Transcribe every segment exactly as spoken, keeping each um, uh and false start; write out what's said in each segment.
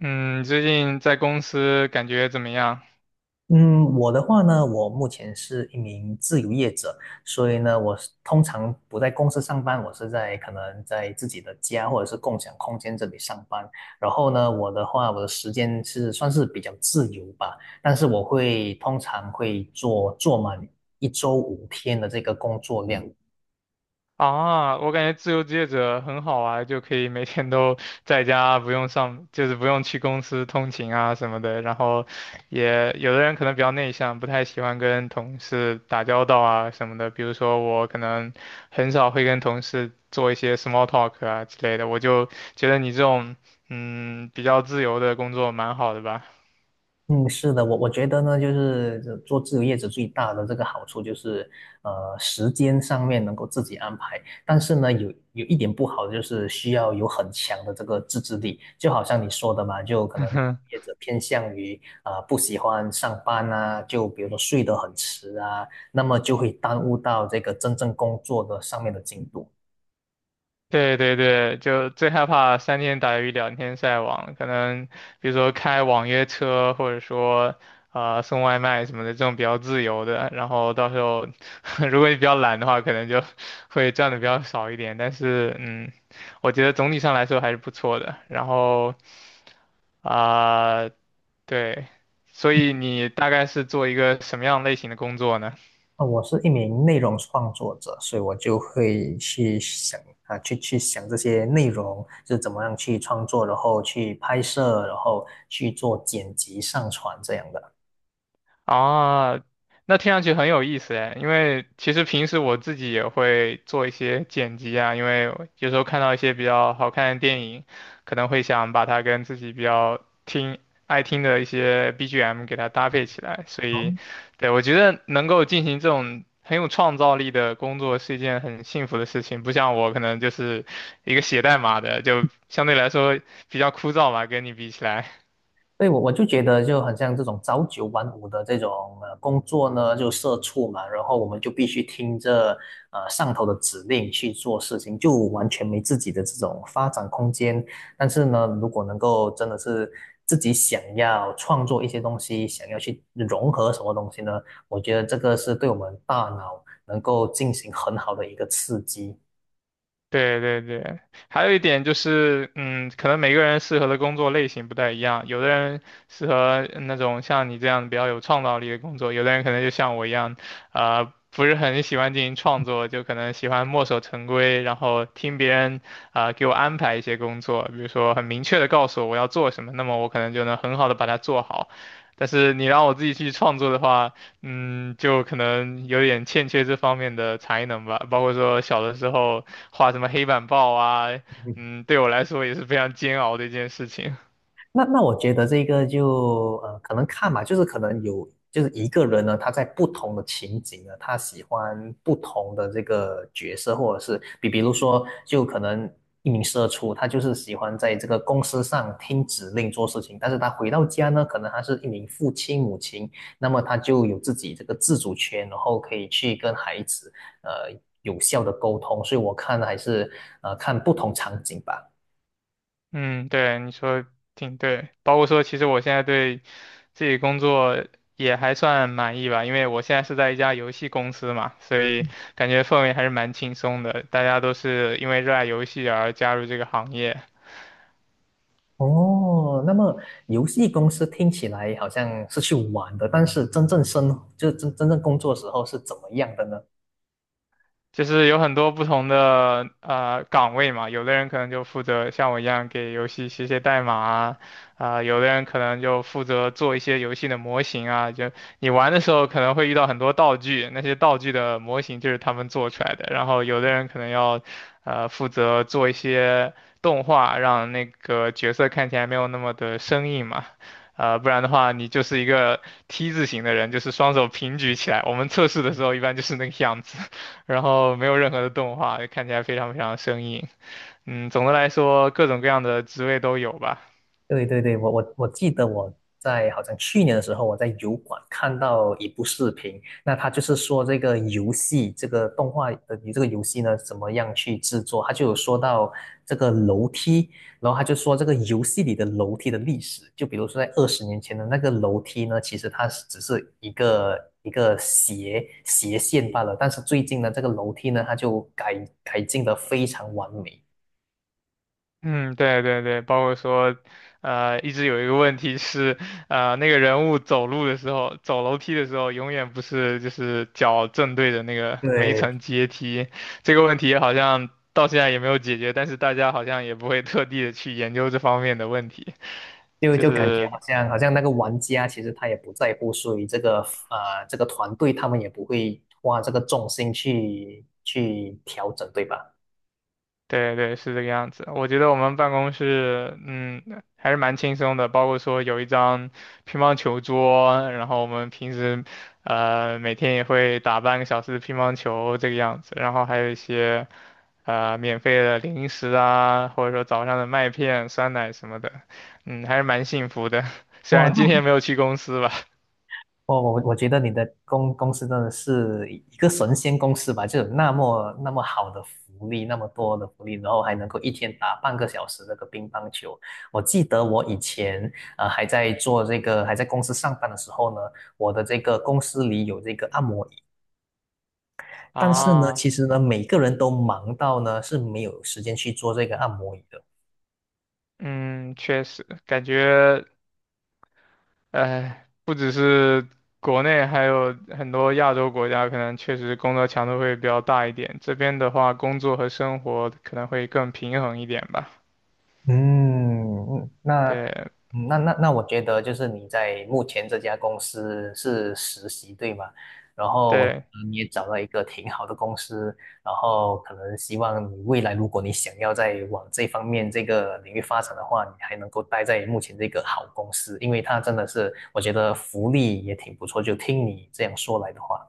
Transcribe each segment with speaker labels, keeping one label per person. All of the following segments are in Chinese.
Speaker 1: 嗯，最近在公司感觉怎么样？
Speaker 2: 嗯，我的话呢，我目前是一名自由业者，所以呢，我是通常不在公司上班，我是在可能在自己的家或者是共享空间这里上班。然后呢，我的话，我的时间是算是比较自由吧，但是我会通常会做做满一周五天的这个工作量。
Speaker 1: 啊，我感觉自由职业者很好啊，就可以每天都 在家，不用上，就是不用去公司通勤啊什么的。然后也有的人可能比较内向，不太喜欢跟同事打交道啊什么的。比如说我可能很少会跟同事做一些 small talk 啊之类的。我就觉得你这种嗯比较自由的工作蛮好的吧。
Speaker 2: 嗯，是的，我我觉得呢，就是这做自由业者最大的这个好处就是，呃，时间上面能够自己安排，但是呢，有有一点不好的就是需要有很强的这个自制力，就好像你说的嘛，就可能 业者偏向于呃不喜欢上班啊，就比如说睡得很迟啊，那么就会耽误到这个真正工作的上面的进度。
Speaker 1: 对对对，就最害怕三天打鱼两天晒网，可能比如说开网约车，或者说啊、呃送外卖什么的，这种比较自由的。然后到时候 如果你比较懒的话，可能就会赚的比较少一点。但是嗯，我觉得总体上来说还是不错的。然后啊、对，所以你大概是做一个什么样类型的工作呢？
Speaker 2: 呃我是一名内容创作者，所以我就会去想啊，去去想这些内容，就是怎么样去创作，然后去拍摄，然后去做剪辑、上传这样的。
Speaker 1: 啊，那听上去很有意思哎，因为其实平时我自己也会做一些剪辑啊，因为有时候看到一些比较好看的电影，可能会想把它跟自己比较听爱听的一些 B G M 给它搭配起来，所以，对，我觉得能够进行这种很有创造力的工作是一件很幸福的事情，不像我可能就是一个写代码的，就相对来说比较枯燥吧，跟你比起来。
Speaker 2: 对，我我就觉得就很像这种朝九晚五的这种呃工作呢，就社畜嘛，然后我们就必须听着呃上头的指令去做事情，就完全没自己的这种发展空间。但是呢，如果能够真的是自己想要创作一些东西，想要去融合什么东西呢？我觉得这个是对我们大脑能够进行很好的一个刺激。
Speaker 1: 对对对，还有一点就是，嗯，可能每个人适合的工作类型不太一样，有的人适合嗯那种像你这样比较有创造力的工作，有的人可能就像我一样，呃，不是很喜欢进行创作，就可能喜欢墨守成规，然后听别人啊，呃给我安排一些工作，比如说很明确的告诉我我要做什么，那么我可能就能很好的把它做好。但是你让我自己去创作的话，嗯，就可能有点欠缺这方面的才能吧，包括说小的时候。画什么黑板报啊，嗯，对我来说也是非常煎熬的一件事情。
Speaker 2: 那那我觉得这个就呃，可能看吧，就是可能有，就是一个人呢，他在不同的情景呢，他喜欢不同的这个角色，或者是比比如说，就可能一名社畜，他就是喜欢在这个公司上听指令做事情，但是他回到家呢，可能他是一名父亲母亲，那么他就有自己这个自主权，然后可以去跟孩子呃有效的沟通，所以我看还是呃看不同场景吧。
Speaker 1: 嗯，对，你说挺对，包括说其实我现在对自己工作也还算满意吧，因为我现在是在一家游戏公司嘛，所以感觉氛围还是蛮轻松的，大家都是因为热爱游戏而加入这个行业。
Speaker 2: 哦，那么游戏公司听起来好像是去玩的，但是真正生，就是真真正工作时候是怎么样的呢？
Speaker 1: 就是有很多不同的呃岗位嘛，有的人可能就负责像我一样给游戏写写代码啊，啊、有的人可能就负责做一些游戏的模型啊，就你玩的时候可能会遇到很多道具，那些道具的模型就是他们做出来的，然后有的人可能要呃负责做一些动画，让那个角色看起来没有那么的生硬嘛。呃，不然的话，你就是一个 T 字形的人，就是双手平举起来。我们测试的时候一般就是那个样子。然后没有任何的动画，看起来非常非常生硬。嗯，总的来说，各种各样的职位都有吧。
Speaker 2: 对对对，我我我记得我在好像去年的时候，我在油管看到一部视频，那他就是说这个游戏，这个动画的这个游戏呢，怎么样去制作？他就有说到这个楼梯，然后他就说这个游戏里的楼梯的历史，就比如说在二十年前的那个楼梯呢，其实它是只是一个一个斜斜线罢了，但是最近呢，这个楼梯呢，它就改改进的非常完美。
Speaker 1: 嗯，对对对，包括说，呃，一直有一个问题是，呃，那个人物走路的时候，走楼梯的时候，永远不是就是脚正对着那个每一
Speaker 2: 对，
Speaker 1: 层阶梯。这个问题好像到现在也没有解决，但是大家好像也不会特地的去研究这方面的问题，
Speaker 2: 就
Speaker 1: 就
Speaker 2: 就感觉
Speaker 1: 是
Speaker 2: 好像好像那个玩家其实他也不在乎输赢，这个呃这个团队他们也不会花这个重心去去调整，对吧？
Speaker 1: 对对，是这个样子。我觉得我们办公室，嗯，还是蛮轻松的，包括说有一张乒乓球桌，然后我们平时，呃，每天也会打半个小时的乒乓球这个样子，然后还有一些呃免费的零食啊，或者说早上的麦片、酸奶什么的，嗯，还是蛮幸福的。虽
Speaker 2: 哇，
Speaker 1: 然今
Speaker 2: 那
Speaker 1: 天没有去公司吧，
Speaker 2: 我我我觉得你的公公司真的是一个神仙公司吧，就有那么那么好的福利，那么多的福利，然后还能够一天打半个小时这个乒乓球。我记得我以前呃还在做这个还在公司上班的时候呢，我的这个公司里有这个按摩椅。但是呢，其
Speaker 1: 啊，
Speaker 2: 实呢，每个人都忙到呢是没有时间去做这个按摩椅的。
Speaker 1: 嗯，确实感觉。哎，不只是国内，还有很多亚洲国家，可能确实工作强度会比较大一点。这边的话，工作和生活可能会更平衡一点吧。
Speaker 2: 嗯，那
Speaker 1: 对
Speaker 2: 嗯那那那，我觉得就是你在目前这家公司是实习，对吗？然后我觉
Speaker 1: 对，
Speaker 2: 得你也找到一个挺好的公司，然后可能希望你未来如果你想要再往这方面这个领域发展的话，你还能够待在目前这个好公司，因为它真的是我觉得福利也挺不错，就听你这样说来的话。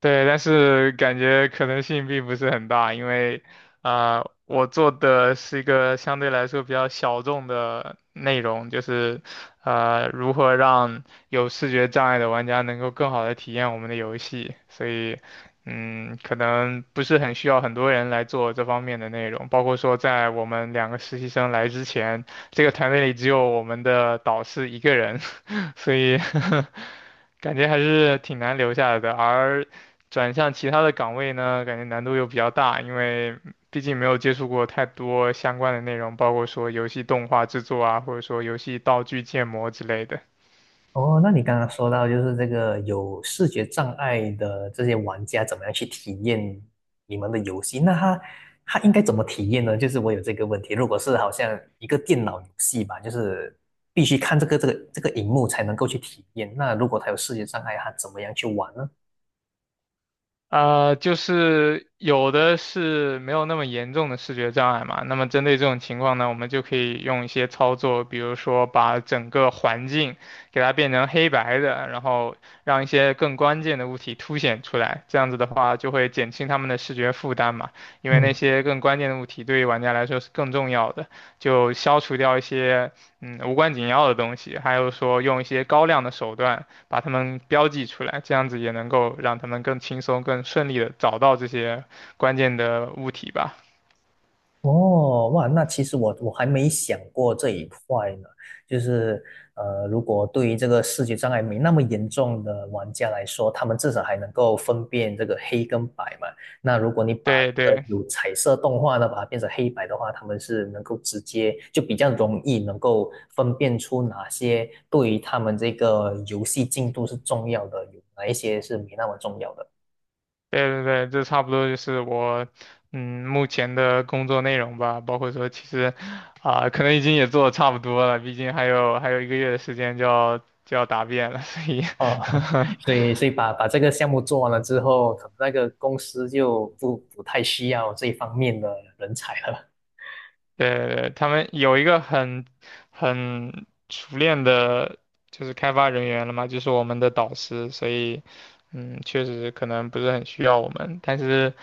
Speaker 1: 对，但是感觉可能性并不是很大，因为，啊，我做的是一个相对来说比较小众的内容，就是，呃，如何让有视觉障碍的玩家能够更好的体验我们的游戏，所以，嗯，可能不是很需要很多人来做这方面的内容，包括说在我们两个实习生来之前，这个团队里只有我们的导师一个人，所以 感觉还是挺难留下来的，而。转向其他的岗位呢，感觉难度又比较大，因为毕竟没有接触过太多相关的内容，包括说游戏动画制作啊，或者说游戏道具建模之类的。
Speaker 2: 哦，那你刚刚说到就是这个有视觉障碍的这些玩家怎么样去体验你们的游戏？那他他应该怎么体验呢？就是我有这个问题，如果是好像一个电脑游戏吧，就是必须看这个这个这个荧幕才能够去体验。那如果他有视觉障碍，他怎么样去玩呢？
Speaker 1: 呃，就是有的是没有那么严重的视觉障碍嘛，那么针对这种情况呢，我们就可以用一些操作，比如说把整个环境给它变成黑白的，然后让一些更关键的物体凸显出来，这样子的话就会减轻他们的视觉负担嘛，因为那
Speaker 2: 嗯。
Speaker 1: 些更关键的物体对于玩家来说是更重要的，就消除掉一些嗯无关紧要的东西，还有说用一些高亮的手段。把它们标记出来，这样子也能够让他们更轻松、更顺利的找到这些关键的物体吧。
Speaker 2: 哦，哇，那其实我我还没想过这一块呢，就是呃，如果对于这个视觉障碍没那么严重的玩家来说，他们至少还能够分辨这个黑跟白嘛。那如果你把
Speaker 1: 对
Speaker 2: 呃
Speaker 1: 对
Speaker 2: 有彩色动画的把它变成黑白的话，他们是能够直接就比较容易能够分辨出哪些对于他们这个游戏进度是重要的，有哪一些是没那么重要的。
Speaker 1: 对对对，这差不多就是我嗯目前的工作内容吧，包括说其实啊、可能已经也做的差不多了，毕竟还有还有一个月的时间就要就要答辩了，所以
Speaker 2: 哦，所以所以 把把这个项目做完了之后，可能那个公司就不不太需要这一方面的人才了。
Speaker 1: 对对对，他们有一个很很熟练的，就是开发人员了嘛，就是我们的导师，所以，嗯，确实可能不是很需要我们，但是，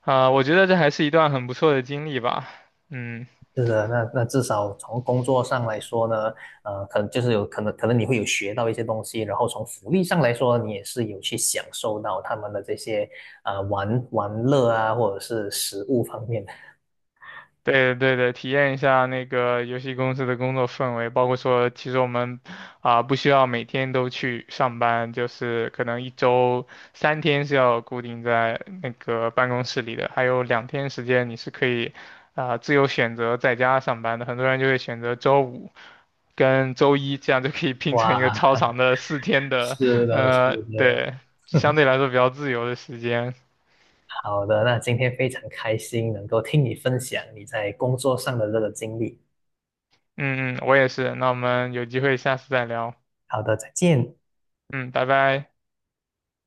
Speaker 1: 啊、我觉得这还是一段很不错的经历吧，嗯。
Speaker 2: 是的，那那至少从工作上来说呢，呃，可能就是有可能可能你会有学到一些东西，然后从福利上来说，你也是有去享受到他们的这些呃玩玩乐啊，或者是食物方面的。
Speaker 1: 对对对，体验一下那个游戏公司的工作氛围，包括说，其实我们啊、不需要每天都去上班，就是可能一周三天是要固定在那个办公室里的，还有两天时间你是可以啊、自由选择在家上班的。很多人就会选择周五跟周一，这样就可以拼成一个超
Speaker 2: 哇，
Speaker 1: 长的四天 的，
Speaker 2: 是的，是
Speaker 1: 呃，
Speaker 2: 的。
Speaker 1: 对，相对 来说比较自由的时间。
Speaker 2: 好的，那今天非常开心能够听你分享你在工作上的这个经历。
Speaker 1: 嗯嗯，我也是。那我们有机会下次再聊。
Speaker 2: 好的，再见。
Speaker 1: 嗯，拜拜。